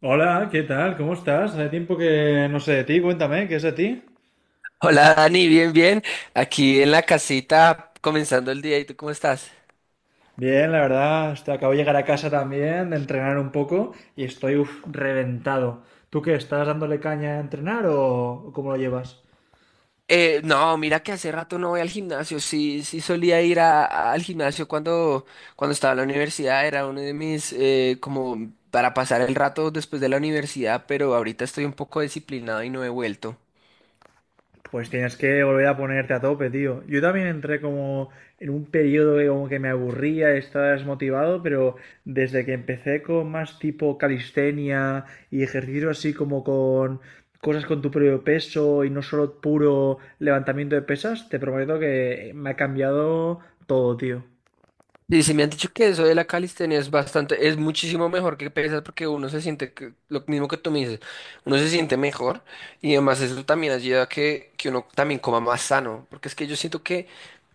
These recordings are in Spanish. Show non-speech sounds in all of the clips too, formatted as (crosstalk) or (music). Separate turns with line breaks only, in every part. Hola, ¿qué tal? ¿Cómo estás? Hace tiempo que no sé de ti, cuéntame, ¿qué es de ti?
Hola Dani, bien, bien. Aquí en la casita comenzando el día. ¿Y tú cómo estás?
Bien, la verdad, este, acabo de llegar a casa también, de entrenar un poco y estoy reventado. ¿Tú qué? ¿Estás dándole caña a entrenar o cómo lo llevas?
No, mira que hace rato no voy al gimnasio. Sí, sí solía ir al gimnasio cuando, cuando estaba en la universidad. Era uno de mis, como para pasar el rato después de la universidad, pero ahorita estoy un poco disciplinado y no he vuelto.
Pues tienes que volver a ponerte a tope, tío. Yo también entré como en un periodo que como que me aburría, estaba desmotivado, pero desde que empecé con más tipo calistenia y ejercicio así como con cosas con tu propio peso y no solo puro levantamiento de pesas, te prometo que me ha cambiado todo, tío.
Y si me han dicho que eso de la calistenia es bastante, es muchísimo mejor que pesas porque uno se siente lo mismo que tú me dices, uno se siente mejor y además eso también ayuda a que uno también coma más sano, porque es que yo siento que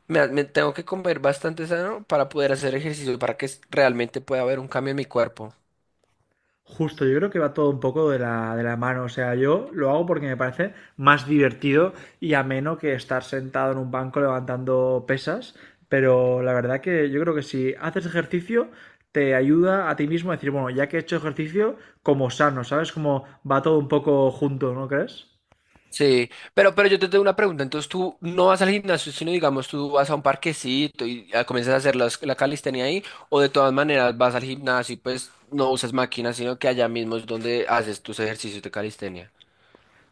me tengo que comer bastante sano para poder hacer ejercicio, para que realmente pueda haber un cambio en mi cuerpo.
Justo, yo creo que va todo un poco de de la mano. O sea, yo lo hago porque me parece más divertido y ameno que estar sentado en un banco levantando pesas. Pero la verdad que yo creo que si haces ejercicio, te ayuda a ti mismo a decir, bueno, ya que he hecho ejercicio, como sano, ¿sabes? Como va todo un poco junto, ¿no crees?
Sí, pero yo te tengo una pregunta. Entonces tú no vas al gimnasio, sino digamos tú vas a un parquecito y comienzas a hacer la calistenia ahí, o de todas maneras vas al gimnasio y pues no usas máquinas, sino que allá mismo es donde haces tus ejercicios de calistenia.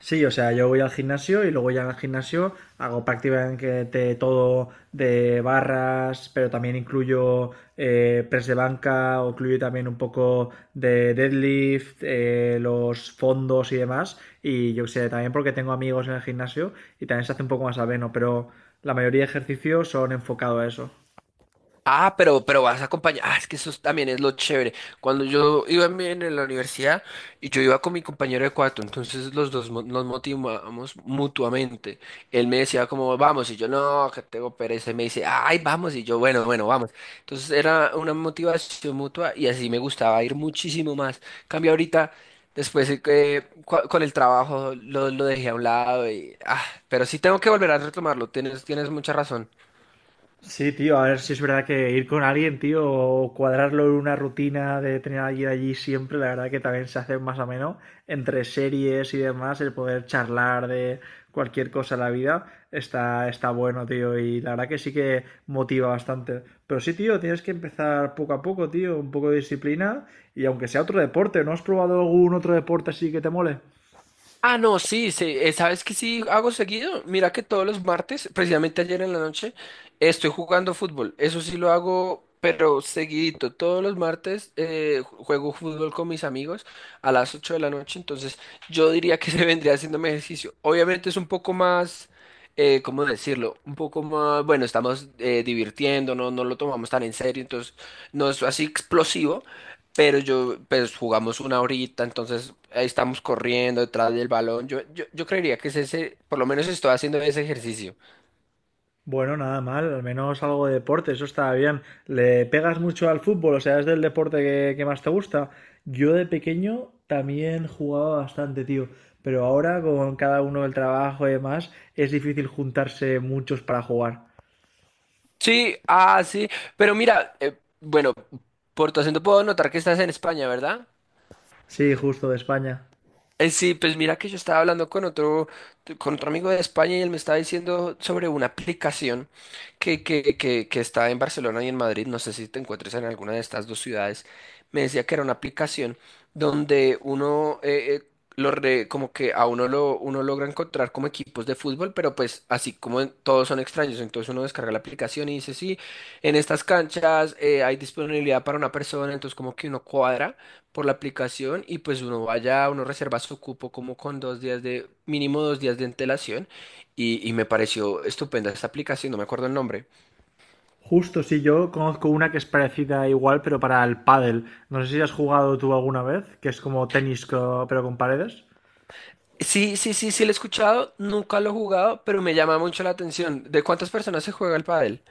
Sí, o sea, yo voy al gimnasio y luego ya en el gimnasio hago prácticamente todo de barras, pero también incluyo press de banca, o incluyo también un poco de deadlift, los fondos y demás. Y yo qué sé, también porque tengo amigos en el gimnasio y también se hace un poco más ameno, pero la mayoría de ejercicios son enfocados a eso.
Ah, pero vas a acompañar. Ah, es que eso también es lo chévere. Cuando yo iba en la universidad y yo iba con mi compañero de cuarto, entonces los dos nos motivamos mutuamente. Él me decía como, vamos, y yo, no, que tengo pereza. Y me dice, ay, vamos, y yo, bueno, bueno, vamos. Entonces era una motivación mutua y así me gustaba ir muchísimo más. Cambio ahorita, después que con el trabajo lo dejé a un lado y, ah, pero sí tengo que volver a retomarlo. Tienes, tienes mucha razón.
Sí, tío, a ver si es verdad que ir con alguien, tío, o cuadrarlo en una rutina de tener a alguien allí siempre, la verdad que también se hace más ameno entre series y demás, el poder charlar de cualquier cosa en la vida está, está bueno, tío, y la verdad que sí que motiva bastante. Pero sí, tío, tienes que empezar poco a poco, tío, un poco de disciplina y aunque sea otro deporte, ¿no has probado algún otro deporte así que te mole?
Ah, no, sí, sí, ¿sabes qué sí hago seguido? Mira que todos los martes, precisamente ayer en la noche, estoy jugando fútbol. Eso sí lo hago, pero seguidito. Todos los martes juego fútbol con mis amigos a las 8 de la noche, entonces yo diría que (laughs) se vendría haciéndome ejercicio. Obviamente es un poco más, ¿cómo decirlo? Un poco más, bueno, estamos divirtiéndonos, no lo tomamos tan en serio, entonces no es así explosivo. Pero yo, pues jugamos una horita, entonces ahí estamos corriendo detrás del balón. Yo creería que es ese, por lo menos estoy haciendo ese ejercicio.
Bueno, nada mal, al menos algo de deporte, eso está bien. ¿Le pegas mucho al fútbol? O sea, ¿es del deporte que más te gusta? Yo de pequeño también jugaba bastante, tío, pero ahora con cada uno el trabajo y demás es difícil juntarse muchos para jugar.
Sí, ah, sí, pero mira, bueno, por tu acento puedo notar que estás en España, ¿verdad?
Sí, justo de España.
Sí, pues mira que yo estaba hablando con otro amigo de España y él me estaba diciendo sobre una aplicación que está en Barcelona y en Madrid, no sé si te encuentres en alguna de estas dos ciudades, me decía que era una aplicación donde uno, como que a uno lo uno logra encontrar como equipos de fútbol, pero pues así como todos son extraños, entonces uno descarga la aplicación y dice, sí, en estas canchas hay disponibilidad para una persona, entonces como que uno cuadra por la aplicación y pues uno vaya, uno reserva su cupo como con 2 días de, mínimo 2 días de antelación y me pareció estupenda esta aplicación, no me acuerdo el nombre.
Justo, sí, yo conozco una que es parecida igual, pero para el pádel. No sé si has jugado tú alguna vez, que es como tenis co- pero con paredes.
Sí, sí, sí, sí, lo he escuchado, nunca lo he jugado, pero me llama mucho la atención. ¿De cuántas personas se juega el pádel?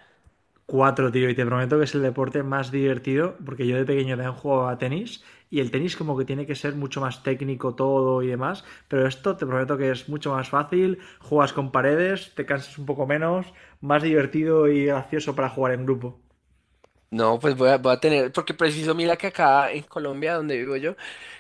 Cuatro, tío, y te prometo que es el deporte más divertido, porque yo de pequeño también jugaba a tenis, y el tenis como que tiene que ser mucho más técnico todo y demás, pero esto te prometo que es mucho más fácil, juegas con paredes, te cansas un poco menos, más divertido y gracioso para jugar en grupo.
No, voy a tener, porque preciso, mira que acá en Colombia, donde vivo yo,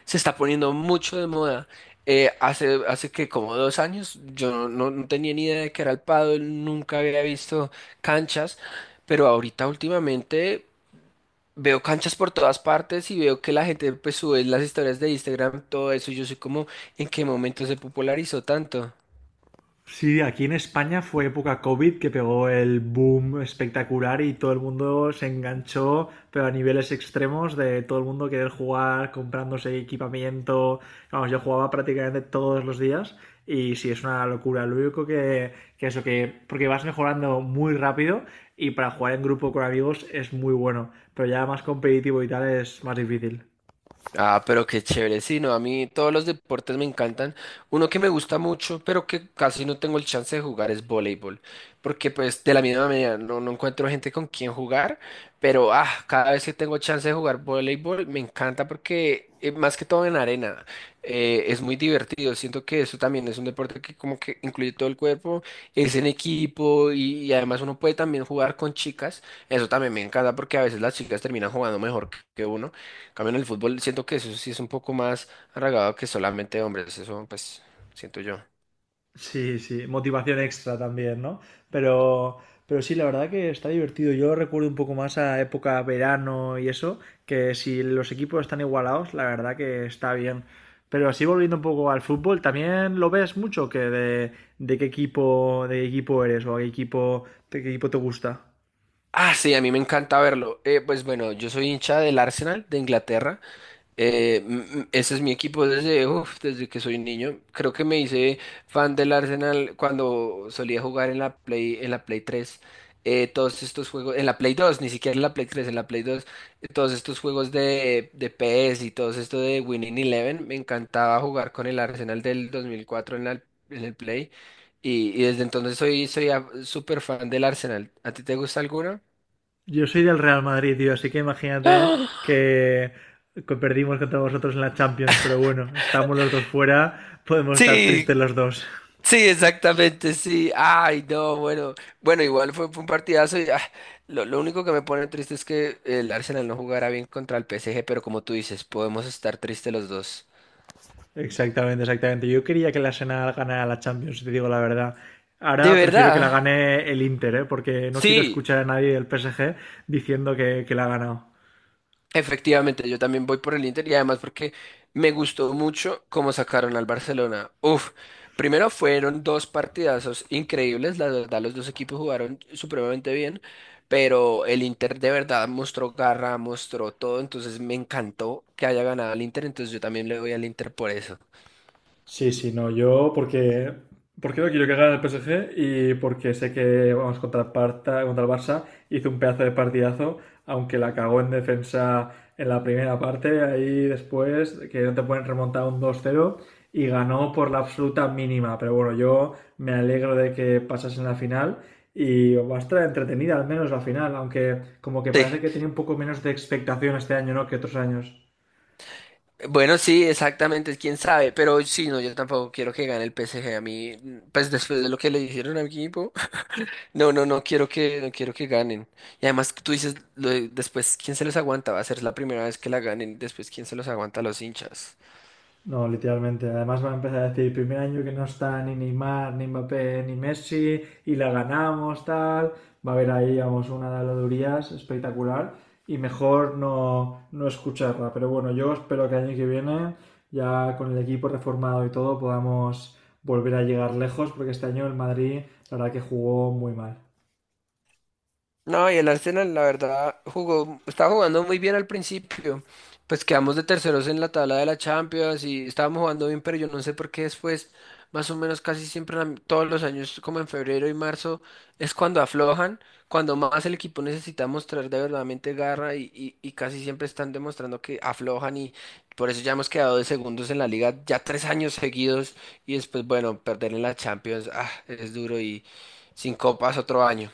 se está poniendo mucho de moda. Hace que como 2 años yo no tenía ni idea de que era el pádel, nunca había visto canchas, pero ahorita últimamente veo canchas por todas partes y veo que la gente pues sube las historias de Instagram, todo eso, y yo soy como, ¿en qué momento se popularizó tanto?
Sí, aquí en España fue época COVID que pegó el boom espectacular y todo el mundo se enganchó, pero a niveles extremos de todo el mundo querer jugar, comprándose equipamiento. Vamos, yo jugaba prácticamente todos los días y sí, es una locura. Lo único que eso, que porque vas mejorando muy rápido y para jugar en grupo con amigos es muy bueno, pero ya más competitivo y tal es más difícil.
Ah, pero qué chévere. Sí, no, a mí todos los deportes me encantan. Uno que me gusta mucho, pero que casi no tengo el chance de jugar es voleibol. Porque pues de la misma manera no encuentro gente con quien jugar, pero cada vez que tengo chance de jugar voleibol me encanta porque más que todo en arena es muy divertido. Siento que eso también es un deporte que como que incluye todo el cuerpo, es en equipo y además uno puede también jugar con chicas. Eso también me encanta porque a veces las chicas terminan jugando mejor que uno. En cambio, en el fútbol siento que eso sí es un poco más arraigado que solamente hombres, eso pues siento yo.
Sí, sí, motivación extra también, ¿no? Pero, pero sí, la verdad que está divertido. Yo recuerdo un poco más a época verano y eso, que si los equipos están igualados, la verdad que está bien. Pero así volviendo un poco al fútbol, ¿también lo ves mucho que de qué equipo eres o a qué equipo, de qué equipo te gusta?
Ah, sí, a mí me encanta verlo. Pues bueno, yo soy hincha del Arsenal de Inglaterra. Ese es mi equipo desde, uf, desde que soy niño. Creo que me hice fan del Arsenal cuando solía jugar en la Play 3. Eh, todos estos juegos, en la Play 2, ni siquiera en la Play 3, en la Play 2, todos estos juegos de PS y todo esto de Winning Eleven, me encantaba jugar con el Arsenal del 2004 en la, en el Play. Y desde entonces soy, súper fan del Arsenal. ¿A ti te gusta alguno?
Yo soy del Real Madrid, tío, así que
(gasps)
imagínate
¡Ah!
que que perdimos contra vosotros en la Champions, pero bueno, estamos los dos fuera, podemos estar
Sí,
tristes los dos.
sí, exactamente, sí. Ay, no, bueno. Bueno, igual fue, fue un partidazo y lo único que me pone triste es que el Arsenal no jugará bien contra el PSG, pero como tú dices, podemos estar tristes los dos.
Exactamente, exactamente. Yo quería que la Arsenal ganara la Champions, si te digo la verdad.
¿De
Ahora prefiero que la
verdad?
gane el Inter, ¿eh? Porque no quiero
Sí.
escuchar a nadie del PSG diciendo que la ha ganado.
Efectivamente, yo también voy por el Inter y además porque me gustó mucho cómo sacaron al Barcelona. Uf, primero fueron dos partidazos increíbles, la verdad los dos equipos jugaron supremamente bien, pero el Inter de verdad mostró garra, mostró todo, entonces me encantó que haya ganado el Inter, entonces yo también le voy al Inter por eso.
Sí, sí, no, porque no quiero que gane el PSG y porque sé que vamos contra contra el Barça, hizo un pedazo de partidazo, aunque la cagó en defensa en la primera parte, ahí después que no te pueden remontar un 2-0 y ganó por la absoluta mínima, pero bueno, yo me alegro de que pasas en la final y va a estar entretenida al menos la final, aunque como que
Sí,
parece que tiene un poco menos de expectación este año, ¿no? Que otros años.
bueno, sí, exactamente, quién sabe, pero sí, no, yo tampoco quiero que gane el PSG a mí, pues después de lo que le hicieron a mi equipo. No, no, no quiero que, no quiero que ganen. Y además tú dices, después, ¿quién se los aguanta? Va a ser la primera vez que la ganen. Después, ¿quién se los aguanta a los hinchas?
No, literalmente. Además va a empezar a decir, primer año que no está ni Neymar, ni Mbappé, ni Messi, y la ganamos, tal. Va a haber ahí, vamos, una de las durías espectacular. Y mejor no, no escucharla. Pero bueno, yo espero que el año que viene, ya con el equipo reformado y todo, podamos volver a llegar lejos, porque este año el Madrid, la verdad que jugó muy mal.
No, y el Arsenal, la verdad, jugó, estaba jugando muy bien al principio. Pues quedamos de terceros en la tabla de la Champions y estábamos jugando bien, pero yo no sé por qué después, más o menos casi siempre, en todos los años, como en febrero y marzo, es cuando aflojan, cuando más el equipo necesita mostrar de verdaderamente garra y casi siempre están demostrando que aflojan y por eso ya hemos quedado de segundos en la liga ya 3 años seguidos y después, bueno, perder en la Champions, ah, es duro y sin copas otro año.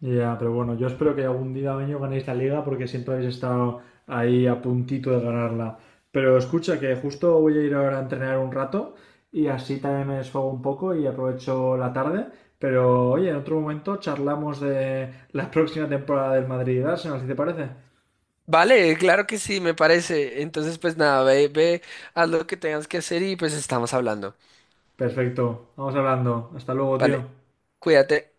Ya, pero bueno, yo espero que algún día año ganéis la liga porque siempre habéis estado ahí a puntito de ganarla. Pero escucha que justo voy a ir ahora a entrenar un rato y así también me desfogo un poco y aprovecho la tarde. Pero oye, en otro momento charlamos de la (laughs) próxima temporada del Madrid y Arsenal, si te parece.
Vale, claro que sí, me parece. Entonces, pues nada, ve, ve, haz lo que tengas que hacer y pues estamos hablando.
Perfecto, vamos hablando. Hasta luego,
Vale,
tío.
cuídate.